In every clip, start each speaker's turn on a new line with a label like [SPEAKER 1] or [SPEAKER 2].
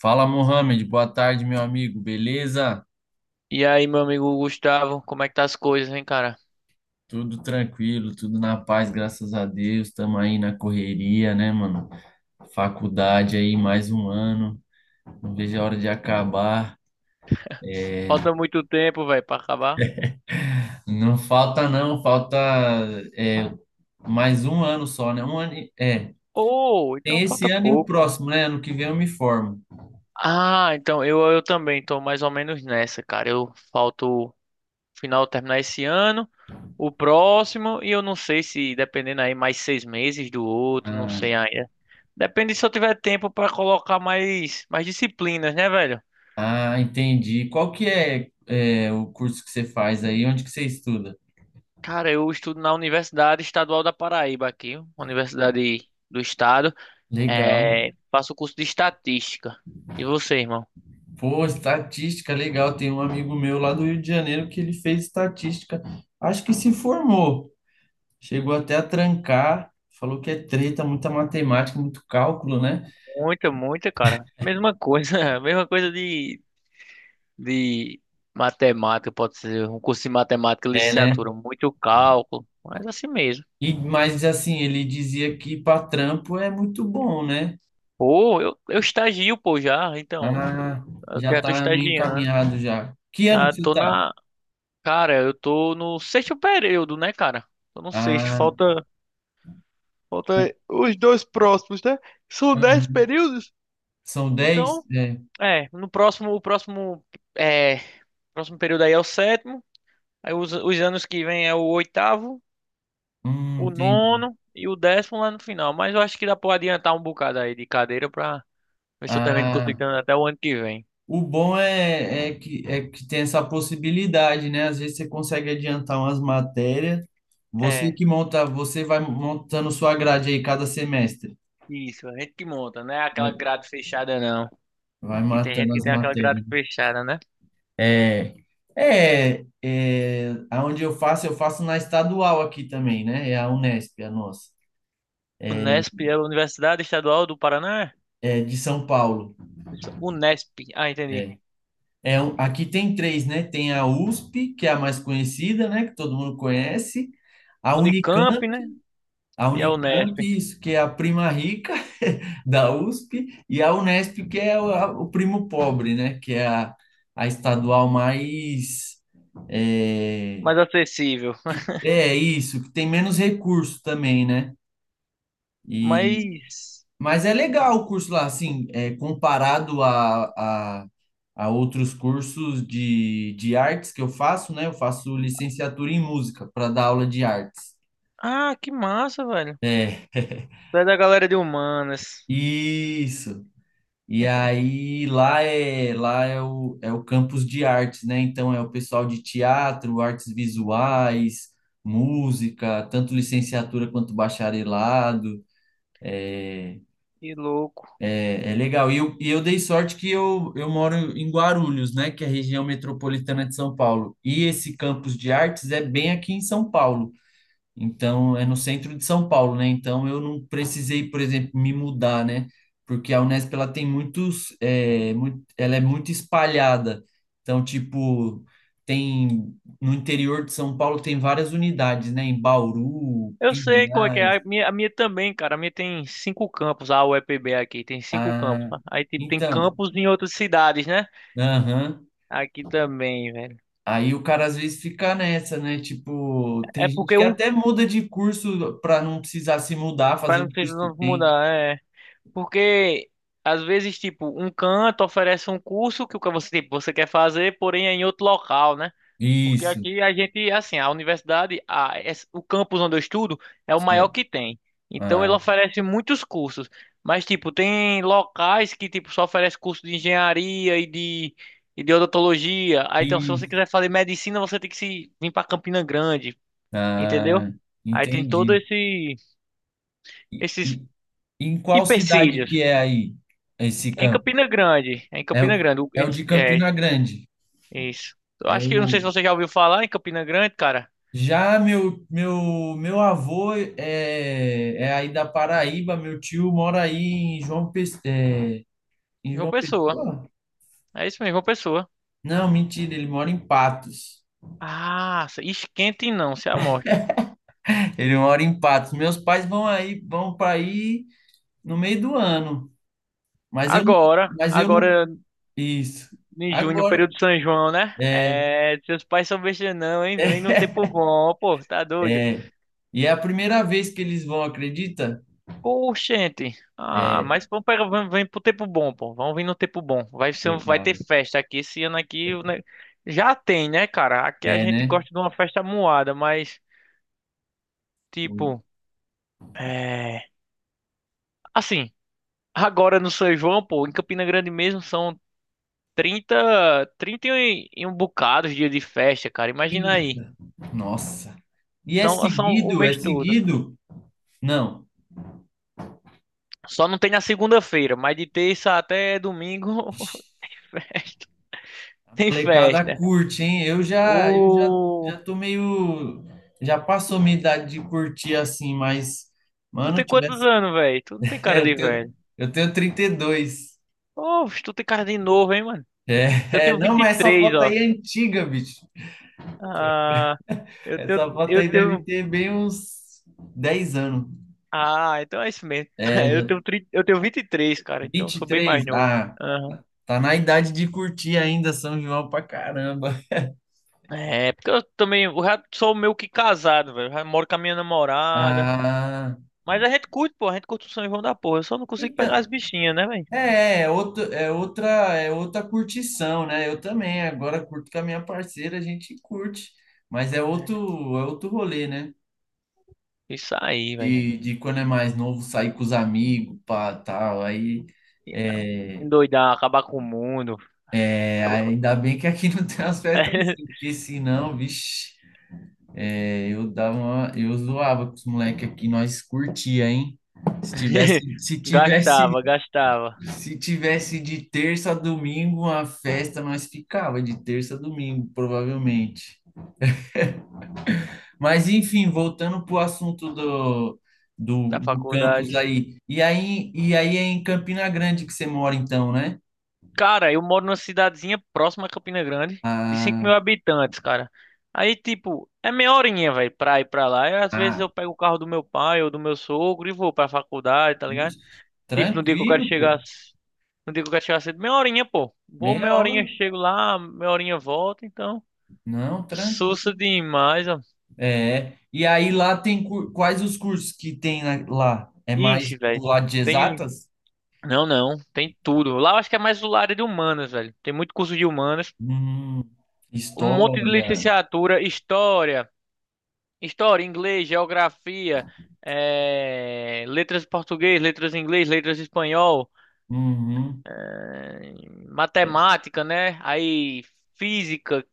[SPEAKER 1] Fala, Mohamed. Boa tarde, meu amigo. Beleza?
[SPEAKER 2] E aí, meu amigo Gustavo, como é que tá as coisas, hein, cara?
[SPEAKER 1] Tudo tranquilo, tudo na paz, graças a Deus. Estamos aí na correria, né, mano? Faculdade aí, mais um ano. Não vejo a hora de acabar. É,
[SPEAKER 2] Falta muito tempo, velho, pra acabar.
[SPEAKER 1] Não falta, não. Falta é, mais um ano só, né?
[SPEAKER 2] Oh, então
[SPEAKER 1] Tem esse
[SPEAKER 2] falta
[SPEAKER 1] ano e o
[SPEAKER 2] pouco.
[SPEAKER 1] próximo, né? Ano que vem eu me formo.
[SPEAKER 2] Ah, então eu também tô mais ou menos nessa, cara. Eu falto o final terminar esse ano, o próximo, e eu não sei se dependendo aí mais 6 meses do outro, não
[SPEAKER 1] Ah,
[SPEAKER 2] sei ainda. Depende se eu tiver tempo pra colocar mais disciplinas, né, velho?
[SPEAKER 1] Entendi. Qual é o curso que você faz aí? Onde que você estuda?
[SPEAKER 2] Cara, eu estudo na Universidade Estadual da Paraíba aqui, uma universidade do estado.
[SPEAKER 1] Legal.
[SPEAKER 2] É, faço curso de estatística. E você, irmão?
[SPEAKER 1] Pô, estatística, legal. Tem um amigo meu lá do Rio de Janeiro que ele fez estatística. Acho que se formou. Chegou até a trancar. Falou que é treta, muita matemática, muito cálculo, né?
[SPEAKER 2] Muita, muita, cara. Mesma coisa, mesma coisa de matemática, pode ser. Um curso de matemática,
[SPEAKER 1] É, né?
[SPEAKER 2] licenciatura, muito cálculo, mas assim mesmo.
[SPEAKER 1] Mas assim, ele dizia que para trampo é muito bom, né?
[SPEAKER 2] Pô, eu estagio, pô, já, então, eu,
[SPEAKER 1] Ah,
[SPEAKER 2] eu
[SPEAKER 1] já
[SPEAKER 2] já tô
[SPEAKER 1] tá meio
[SPEAKER 2] estagiando.
[SPEAKER 1] encaminhado já. Que ano
[SPEAKER 2] Ah,
[SPEAKER 1] que você
[SPEAKER 2] tô
[SPEAKER 1] tá?
[SPEAKER 2] na, cara, eu tô no sexto período, né, cara? Tô no sexto,
[SPEAKER 1] Ah,
[SPEAKER 2] falta os dois próximos, né? São dez
[SPEAKER 1] uhum.
[SPEAKER 2] períodos?
[SPEAKER 1] São dez.
[SPEAKER 2] Então,
[SPEAKER 1] É.
[SPEAKER 2] é, no próximo, o próximo, é, próximo período aí é o sétimo, aí os anos que vem é o oitavo, o
[SPEAKER 1] Entendi.
[SPEAKER 2] nono e o décimo lá no final. Mas eu acho que dá pra adiantar um bocado aí de cadeira pra ver se eu termino
[SPEAKER 1] Ah,
[SPEAKER 2] conseguindo até o ano que vem.
[SPEAKER 1] o bom é, é que tem essa possibilidade, né? Às vezes você consegue adiantar umas matérias. Você
[SPEAKER 2] É,
[SPEAKER 1] que monta, você vai montando sua grade aí cada semestre.
[SPEAKER 2] isso, a gente que monta, não é aquela
[SPEAKER 1] Vai,
[SPEAKER 2] grade fechada não.
[SPEAKER 1] vai
[SPEAKER 2] Que tem gente
[SPEAKER 1] matando
[SPEAKER 2] que
[SPEAKER 1] as
[SPEAKER 2] tem aquela grade
[SPEAKER 1] matérias.
[SPEAKER 2] fechada, né?
[SPEAKER 1] É, Aonde eu faço na estadual aqui também, né? É a Unesp, a nossa. É,
[SPEAKER 2] Unesp é a Universidade Estadual do Paraná?
[SPEAKER 1] é de São Paulo.
[SPEAKER 2] Isso, Unesp, ah, entendi.
[SPEAKER 1] É, Aqui tem três, né? Tem a USP, que é a mais conhecida, né? Que todo mundo conhece. A
[SPEAKER 2] Unicamp,
[SPEAKER 1] Unicamp,
[SPEAKER 2] né?
[SPEAKER 1] A
[SPEAKER 2] E a
[SPEAKER 1] Unicamp,
[SPEAKER 2] Unesp,
[SPEAKER 1] isso, que é a prima rica da USP, e a Unesp, que o primo pobre, né? A estadual mais. É,
[SPEAKER 2] mais acessível.
[SPEAKER 1] é isso, que tem menos recurso também, né? E,
[SPEAKER 2] Mas
[SPEAKER 1] mas é legal o curso lá, assim, é, comparado a, a, a outros cursos de artes que eu faço, né? Eu faço licenciatura em música para dar aula de artes.
[SPEAKER 2] Ah, que massa, velho.
[SPEAKER 1] É,
[SPEAKER 2] Tu é da galera de humanas.
[SPEAKER 1] isso. E aí lá é o campus de artes, né? Então é o pessoal de teatro, artes visuais, música, tanto licenciatura quanto bacharelado.
[SPEAKER 2] Que louco.
[SPEAKER 1] É, é legal. E eu dei sorte que eu moro em Guarulhos, né? Que é a região metropolitana de São Paulo. E esse campus de artes é bem aqui em São Paulo. Então, é no centro de São Paulo, né? Então, eu não precisei, por exemplo, me mudar, né? Porque a Unesp, ela tem ela é muito espalhada. Então, tipo, tem, no interior de São Paulo tem várias unidades, né? Em Bauru,
[SPEAKER 2] Eu sei qual é que é.
[SPEAKER 1] Pinhais,
[SPEAKER 2] A minha também, cara. A minha tem cinco campos. A UEPB aqui tem cinco campos.
[SPEAKER 1] ah,
[SPEAKER 2] Aí tipo, tem
[SPEAKER 1] então,
[SPEAKER 2] campos em outras cidades, né?
[SPEAKER 1] aham.
[SPEAKER 2] Aqui também, velho.
[SPEAKER 1] Aí o cara às vezes fica nessa, né? Tipo,
[SPEAKER 2] É
[SPEAKER 1] tem gente
[SPEAKER 2] porque
[SPEAKER 1] que
[SPEAKER 2] um.
[SPEAKER 1] até muda de curso para não precisar se mudar,
[SPEAKER 2] Para
[SPEAKER 1] fazer
[SPEAKER 2] não
[SPEAKER 1] um
[SPEAKER 2] ter-
[SPEAKER 1] curso que
[SPEAKER 2] não
[SPEAKER 1] tem.
[SPEAKER 2] mudar, é. Porque às vezes, tipo, um canto oferece um curso que o que você, tipo, você quer fazer, porém é em outro local, né? Porque
[SPEAKER 1] Isso,
[SPEAKER 2] aqui a gente, assim, a universidade, o campus onde eu estudo é o maior
[SPEAKER 1] certo.
[SPEAKER 2] que tem. Então ele
[SPEAKER 1] Ah,
[SPEAKER 2] oferece muitos cursos. Mas, tipo, tem locais que, tipo, só oferece curso de engenharia e de odontologia. Aí, então, se você
[SPEAKER 1] E,
[SPEAKER 2] quiser fazer medicina, você tem que se vir para Campina Grande, entendeu?
[SPEAKER 1] ah,
[SPEAKER 2] Aí tem todo
[SPEAKER 1] entendi.
[SPEAKER 2] esses
[SPEAKER 1] E, em qual cidade
[SPEAKER 2] empecilhos.
[SPEAKER 1] que é aí esse
[SPEAKER 2] É em
[SPEAKER 1] campo?
[SPEAKER 2] Campina Grande, é em
[SPEAKER 1] É, o-
[SPEAKER 2] Campina Grande.
[SPEAKER 1] É o de
[SPEAKER 2] É,
[SPEAKER 1] Campina Grande.
[SPEAKER 2] isso. Eu
[SPEAKER 1] É
[SPEAKER 2] acho que, eu não sei
[SPEAKER 1] o,
[SPEAKER 2] se você já ouviu falar em Campina Grande, cara.
[SPEAKER 1] Já, meu avô é, é aí da Paraíba, meu tio mora aí em
[SPEAKER 2] João
[SPEAKER 1] João
[SPEAKER 2] Pessoa.
[SPEAKER 1] Pessoa?
[SPEAKER 2] É isso mesmo, João Pessoa.
[SPEAKER 1] Não, mentira, ele mora em Patos.
[SPEAKER 2] Ah, esquente não, se amostra.
[SPEAKER 1] Ele mora em Patos. Meus pais vão aí, vão para aí no meio do ano. Mas eu, não-
[SPEAKER 2] Agora,
[SPEAKER 1] mas eu não.
[SPEAKER 2] agora
[SPEAKER 1] Isso.
[SPEAKER 2] em junho,
[SPEAKER 1] Agora.
[SPEAKER 2] período de São João, né?
[SPEAKER 1] é,
[SPEAKER 2] É, seus pais são besta não, hein? Vem no tempo bom, pô, tá doido?
[SPEAKER 1] É, e é a primeira vez que eles vão, acredita?
[SPEAKER 2] Oxente. Ah,
[SPEAKER 1] É,
[SPEAKER 2] mas vamos pegar, vamos, vem pro tempo bom, pô. Vamos vir no tempo bom. Vai ter
[SPEAKER 1] legal.
[SPEAKER 2] festa aqui esse ano aqui, né? Já tem, né, cara? Aqui a
[SPEAKER 1] É,
[SPEAKER 2] gente
[SPEAKER 1] né?
[SPEAKER 2] gosta de uma festa moada, mas tipo, é, assim, agora no São João, pô, em Campina Grande mesmo são 30 30 e um bocado de dia de festa, cara. Imagina aí.
[SPEAKER 1] Eita, nossa. E é
[SPEAKER 2] Então, são o
[SPEAKER 1] seguido, é
[SPEAKER 2] mês todo.
[SPEAKER 1] seguido? Não,
[SPEAKER 2] Só não tem na segunda-feira, mas de terça até domingo, festa.
[SPEAKER 1] a
[SPEAKER 2] Tem
[SPEAKER 1] molecada
[SPEAKER 2] festa.
[SPEAKER 1] curte, hein?
[SPEAKER 2] Ô,
[SPEAKER 1] Já tô meio, já passou minha idade de curtir assim, mas,
[SPEAKER 2] tu
[SPEAKER 1] mano,
[SPEAKER 2] tem quantos anos, velho? Tu não tem
[SPEAKER 1] é,
[SPEAKER 2] cara
[SPEAKER 1] eu
[SPEAKER 2] de
[SPEAKER 1] tenho,
[SPEAKER 2] velho.
[SPEAKER 1] eu tenho 32.
[SPEAKER 2] Ô, tu tem cara de novo, hein, mano? Eu tenho
[SPEAKER 1] Não,
[SPEAKER 2] vinte e
[SPEAKER 1] mas essa
[SPEAKER 2] três
[SPEAKER 1] foto aí
[SPEAKER 2] ó.
[SPEAKER 1] é antiga, bicho.
[SPEAKER 2] Ah, eu tenho,
[SPEAKER 1] Essa foto
[SPEAKER 2] eu
[SPEAKER 1] aí deve
[SPEAKER 2] tenho.
[SPEAKER 1] ter bem uns 10 anos.
[SPEAKER 2] Ah, então é isso mesmo.
[SPEAKER 1] É,
[SPEAKER 2] Eu
[SPEAKER 1] já
[SPEAKER 2] tenho, 30, eu tenho 23, cara. Então eu
[SPEAKER 1] vinte e
[SPEAKER 2] sou bem
[SPEAKER 1] três
[SPEAKER 2] mais novo.
[SPEAKER 1] Ah,
[SPEAKER 2] Ah.
[SPEAKER 1] tá na idade de curtir ainda São João pra caramba.
[SPEAKER 2] É, porque eu também, eu já sou meio que casado, velho. Já moro com a minha namorada.
[SPEAKER 1] Ah,
[SPEAKER 2] Mas a gente curte, pô, a gente curte o São João da porra. Eu só não consigo pegar as
[SPEAKER 1] então,
[SPEAKER 2] bichinhas, né, velho?
[SPEAKER 1] é, é, outro, é outra, é outra curtição, né? Eu também, agora curto com a minha parceira, a gente curte, mas
[SPEAKER 2] É,
[SPEAKER 1] é outro rolê, né?
[SPEAKER 2] isso aí, velho.
[SPEAKER 1] De quando é mais novo, sair com os amigos, pá, tal, aí,
[SPEAKER 2] Endoidar, acabar com o mundo. Acaba-
[SPEAKER 1] ainda bem que aqui não tem as festas assim, porque senão, vixe. Eu zoava com os moleques aqui, nós curtia, hein? Se tivesse, se tivesse,
[SPEAKER 2] Gastava
[SPEAKER 1] Se tivesse de terça a domingo uma festa, nós ficava de terça a domingo, provavelmente. Mas enfim, voltando pro assunto do,
[SPEAKER 2] da
[SPEAKER 1] do campus
[SPEAKER 2] faculdade.
[SPEAKER 1] aí. E aí é em Campina Grande que você mora então, né?
[SPEAKER 2] Cara, eu moro numa cidadezinha próxima a Campina Grande, de cinco
[SPEAKER 1] Ah,
[SPEAKER 2] mil habitantes, cara. Aí, tipo, é meia horinha, velho, pra ir pra lá. E às vezes
[SPEAKER 1] ah,
[SPEAKER 2] eu pego o carro do meu pai ou do meu sogro e vou pra faculdade, tá ligado?
[SPEAKER 1] vixe,
[SPEAKER 2] Tipo, no dia que eu quero
[SPEAKER 1] tranquilo, pô.
[SPEAKER 2] chegar, c- no dia que eu quero chegar cedo, meia horinha, pô. Vou
[SPEAKER 1] Meia
[SPEAKER 2] meia
[SPEAKER 1] hora.
[SPEAKER 2] horinha, chego lá, meia horinha volto, então.
[SPEAKER 1] Não, tranquilo.
[SPEAKER 2] Sussa demais, ó.
[SPEAKER 1] É, e aí lá tem cur- quais os cursos que tem na- lá? É mais
[SPEAKER 2] Ixi, velho.
[SPEAKER 1] pro lado de
[SPEAKER 2] Tem.
[SPEAKER 1] exatas?
[SPEAKER 2] Não, não. Tem tudo. Lá eu acho que é mais do lado de humanas, velho. Tem muito curso de humanas.
[SPEAKER 1] Hum,
[SPEAKER 2] Um monte de
[SPEAKER 1] história.
[SPEAKER 2] licenciatura, história, inglês, geografia, letras em português, letras em inglês, letras em espanhol,
[SPEAKER 1] Uhum,
[SPEAKER 2] eh, matemática, né? Aí física,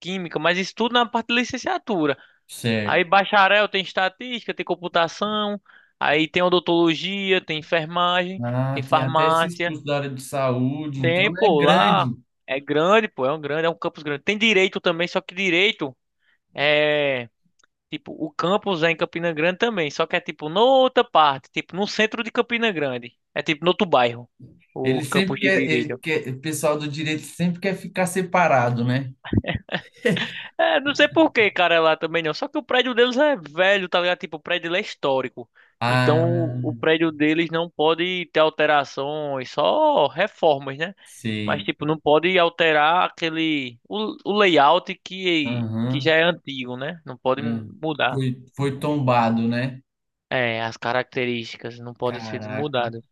[SPEAKER 2] química, mas isso tudo na parte de licenciatura.
[SPEAKER 1] certo.
[SPEAKER 2] Aí bacharel tem estatística, tem computação, aí tem odontologia, tem enfermagem,
[SPEAKER 1] Ah,
[SPEAKER 2] tem
[SPEAKER 1] tem até esses
[SPEAKER 2] farmácia,
[SPEAKER 1] cursos da área de saúde,
[SPEAKER 2] tem,
[SPEAKER 1] então é
[SPEAKER 2] pô, lá
[SPEAKER 1] grande.
[SPEAKER 2] é grande, pô, é um campus grande. Tem direito também, só que direito é, tipo, o campus é em Campina Grande também, só que é tipo noutra parte, tipo no centro de Campina Grande, é tipo no outro bairro, o campus de
[SPEAKER 1] Ele
[SPEAKER 2] direito.
[SPEAKER 1] quer, o pessoal do direito sempre quer ficar separado, né?
[SPEAKER 2] É, não sei por que, cara, é lá também não. Só que o prédio deles é velho, tá ligado? Tipo, o prédio lá é histórico. Então, o
[SPEAKER 1] Ah,
[SPEAKER 2] prédio deles não pode ter alterações, só reformas, né? Mas,
[SPEAKER 1] sei.
[SPEAKER 2] tipo, não pode alterar O layout que já
[SPEAKER 1] Aham.
[SPEAKER 2] é antigo, né? Não pode
[SPEAKER 1] É.
[SPEAKER 2] mudar.
[SPEAKER 1] Foi, foi tombado, né?
[SPEAKER 2] É, as características não podem ser
[SPEAKER 1] Caraca,
[SPEAKER 2] mudadas.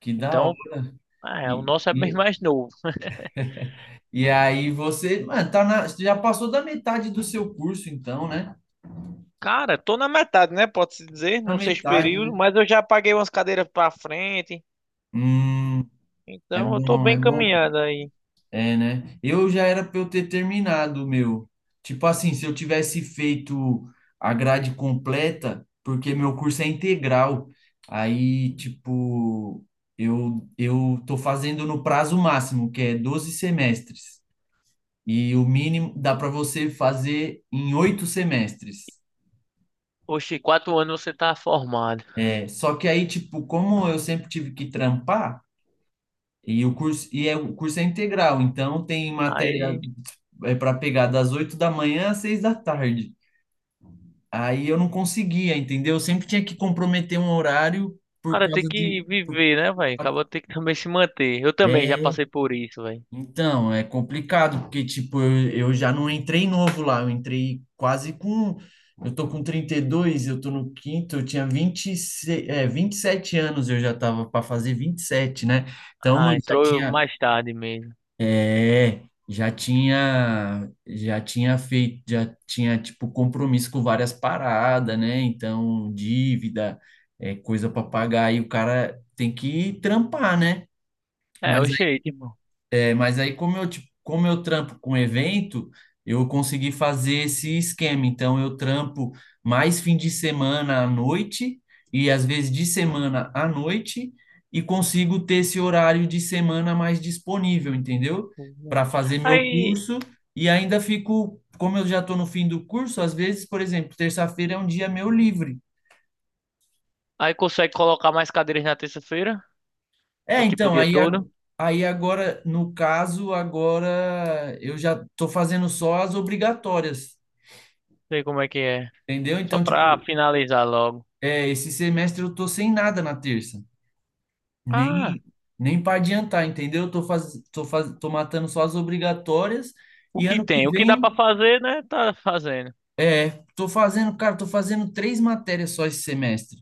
[SPEAKER 1] que da
[SPEAKER 2] Então,
[SPEAKER 1] hora.
[SPEAKER 2] é, o
[SPEAKER 1] E,
[SPEAKER 2] nosso é bem
[SPEAKER 1] e-
[SPEAKER 2] mais novo.
[SPEAKER 1] E aí você, mano, tá na, você já passou da metade do seu curso, então, né?
[SPEAKER 2] Cara, tô na metade, né? Pode-se dizer,
[SPEAKER 1] Na
[SPEAKER 2] no sexto
[SPEAKER 1] metade,
[SPEAKER 2] período,
[SPEAKER 1] né?
[SPEAKER 2] mas eu já paguei umas cadeiras pra frente.
[SPEAKER 1] Hum, é
[SPEAKER 2] Então eu tô
[SPEAKER 1] bom,
[SPEAKER 2] bem
[SPEAKER 1] é bom.
[SPEAKER 2] encaminhado aí.
[SPEAKER 1] É, né? Eu já era pra eu ter terminado o meu. Tipo assim, se eu tivesse feito a grade completa, porque meu curso é integral. Aí, tipo, eu tô fazendo no prazo máximo, que é 12 semestres. E o mínimo dá pra você fazer em 8 semestres.
[SPEAKER 2] Oxi, 4 anos você tá formado.
[SPEAKER 1] É. Só que aí, tipo, como eu sempre tive que trampar, e o curso, o curso é integral, então tem matéria
[SPEAKER 2] Aí,
[SPEAKER 1] para pegar das 8 da manhã às 6 da tarde. Aí eu não conseguia, entendeu? Eu sempre tinha que comprometer um horário
[SPEAKER 2] o
[SPEAKER 1] por
[SPEAKER 2] cara tem
[SPEAKER 1] causa
[SPEAKER 2] que
[SPEAKER 1] de.
[SPEAKER 2] viver, né, velho? Acaba tem que também se manter. Eu também já
[SPEAKER 1] é,
[SPEAKER 2] passei por isso, velho.
[SPEAKER 1] Então, é complicado, porque, tipo, eu já não entrei novo lá, eu entrei quase com. Eu tô com 32, eu tô no quinto, eu tinha 26, 27 anos, eu já tava para fazer 27, né? Então,
[SPEAKER 2] Ah,
[SPEAKER 1] mano, já
[SPEAKER 2] entrou
[SPEAKER 1] tinha.
[SPEAKER 2] mais tarde mesmo.
[SPEAKER 1] É, já tinha. Já tinha feito, já tinha, tipo, compromisso com várias paradas, né? Então, dívida, coisa para pagar, e o cara tem que trampar, né?
[SPEAKER 2] É,
[SPEAKER 1] Mas
[SPEAKER 2] oxi, aí, tipo.
[SPEAKER 1] Mas aí, como eu trampo com evento, eu consegui fazer esse esquema. Então, eu trampo mais fim de semana à noite e às vezes de semana à noite e consigo ter esse horário de semana mais disponível,
[SPEAKER 2] Hum,
[SPEAKER 1] entendeu?
[SPEAKER 2] pois
[SPEAKER 1] Para
[SPEAKER 2] é.
[SPEAKER 1] fazer meu
[SPEAKER 2] Aí,
[SPEAKER 1] curso e ainda fico, como eu já estou no fim do curso, às vezes, por exemplo, terça-feira é um dia meu livre.
[SPEAKER 2] aí consegue colocar mais cadeiras na terça-feira? Ou
[SPEAKER 1] É,
[SPEAKER 2] tipo o
[SPEAKER 1] então,
[SPEAKER 2] dia
[SPEAKER 1] aí, a-
[SPEAKER 2] todo?
[SPEAKER 1] Aí agora, no caso, agora eu já estou fazendo só as obrigatórias.
[SPEAKER 2] Sei como é que é.
[SPEAKER 1] Entendeu?
[SPEAKER 2] Só
[SPEAKER 1] Então,
[SPEAKER 2] pra
[SPEAKER 1] tipo,
[SPEAKER 2] finalizar logo.
[SPEAKER 1] é, esse semestre eu tô sem nada na terça.
[SPEAKER 2] Ah,
[SPEAKER 1] Nem, Nem para adiantar, entendeu? Eu tô, faz, tô, faz, tô matando só as obrigatórias
[SPEAKER 2] o
[SPEAKER 1] e
[SPEAKER 2] que
[SPEAKER 1] ano que
[SPEAKER 2] tem? O que dá pra
[SPEAKER 1] vem,
[SPEAKER 2] fazer, né? Tá fazendo.
[SPEAKER 1] é, tô fazendo, cara, tô fazendo três matérias só esse semestre.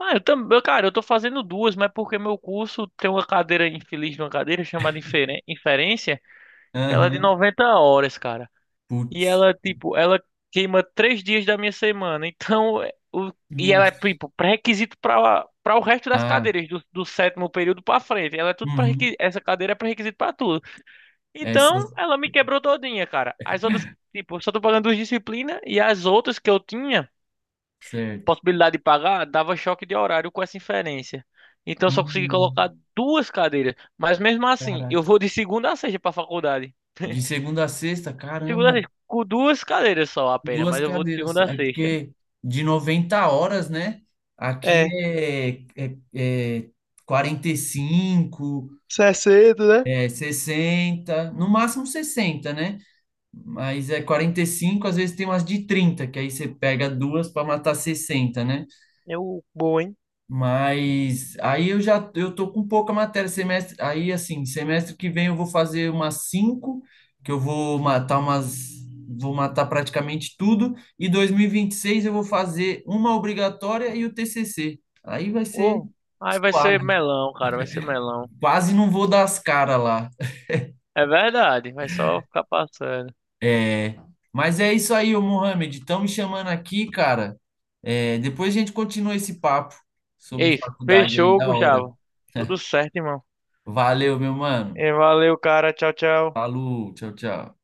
[SPEAKER 2] Ah, eu também, cara, eu tô fazendo duas, mas porque meu curso tem uma cadeira infeliz de uma cadeira chamada inferência, que ela é de
[SPEAKER 1] Aham.
[SPEAKER 2] 90 horas, cara. E
[SPEAKER 1] Putz.
[SPEAKER 2] ela, tipo, ela queima 3 dias da minha semana. Então, é, o, e ela é,
[SPEAKER 1] Nossa.
[SPEAKER 2] tipo, pré-requisito pra o resto das
[SPEAKER 1] Ah,
[SPEAKER 2] cadeiras, do sétimo período pra frente. Ela é tudo
[SPEAKER 1] uhum.
[SPEAKER 2] pré-requisito, essa cadeira é pré-requisito pra tudo. Então,
[SPEAKER 1] Essas,
[SPEAKER 2] ela me quebrou todinha, cara. As outras, tipo, eu só tô pagando duas disciplinas e as outras que eu tinha
[SPEAKER 1] certo.
[SPEAKER 2] possibilidade de pagar, dava choque de horário com essa inferência. Então eu só consegui colocar
[SPEAKER 1] Hum,
[SPEAKER 2] duas cadeiras. Mas mesmo assim, eu
[SPEAKER 1] caraca.
[SPEAKER 2] vou de segunda a sexta para a faculdade.
[SPEAKER 1] De segunda a sexta,
[SPEAKER 2] Segunda a
[SPEAKER 1] caramba.
[SPEAKER 2] sexta, com duas cadeiras só apenas,
[SPEAKER 1] Duas
[SPEAKER 2] mas eu vou de
[SPEAKER 1] cadeiras.
[SPEAKER 2] segunda a
[SPEAKER 1] É
[SPEAKER 2] sexta.
[SPEAKER 1] porque de 90 horas, né? Aqui
[SPEAKER 2] É,
[SPEAKER 1] é, é, é 45,
[SPEAKER 2] isso é cedo, né?
[SPEAKER 1] é 60, no máximo 60, né? Mas é 45, às vezes tem umas de 30 que aí você pega duas para matar 60, né?
[SPEAKER 2] É o bom, hein?
[SPEAKER 1] Mas aí eu já eu tô com pouca matéria semestre, aí assim, semestre que vem eu vou fazer umas cinco, que eu vou matar umas vou matar praticamente tudo e 2026 eu vou fazer uma obrigatória e o TCC. Aí vai ser
[SPEAKER 2] Oh, aí vai ser
[SPEAKER 1] suave.
[SPEAKER 2] melão, cara, vai ser melão.
[SPEAKER 1] Quase não vou dar as caras lá.
[SPEAKER 2] É verdade, vai só ficar passando.
[SPEAKER 1] É. Mas é isso aí, ô Mohamed, estão me chamando aqui, cara. É, depois a gente continua esse papo sobre
[SPEAKER 2] Ei,
[SPEAKER 1] faculdade aí
[SPEAKER 2] fechou,
[SPEAKER 1] da hora.
[SPEAKER 2] Gustavo. Tudo certo, irmão.
[SPEAKER 1] Valeu, meu mano.
[SPEAKER 2] E valeu, cara. Tchau, tchau.
[SPEAKER 1] Falou, tchau, tchau.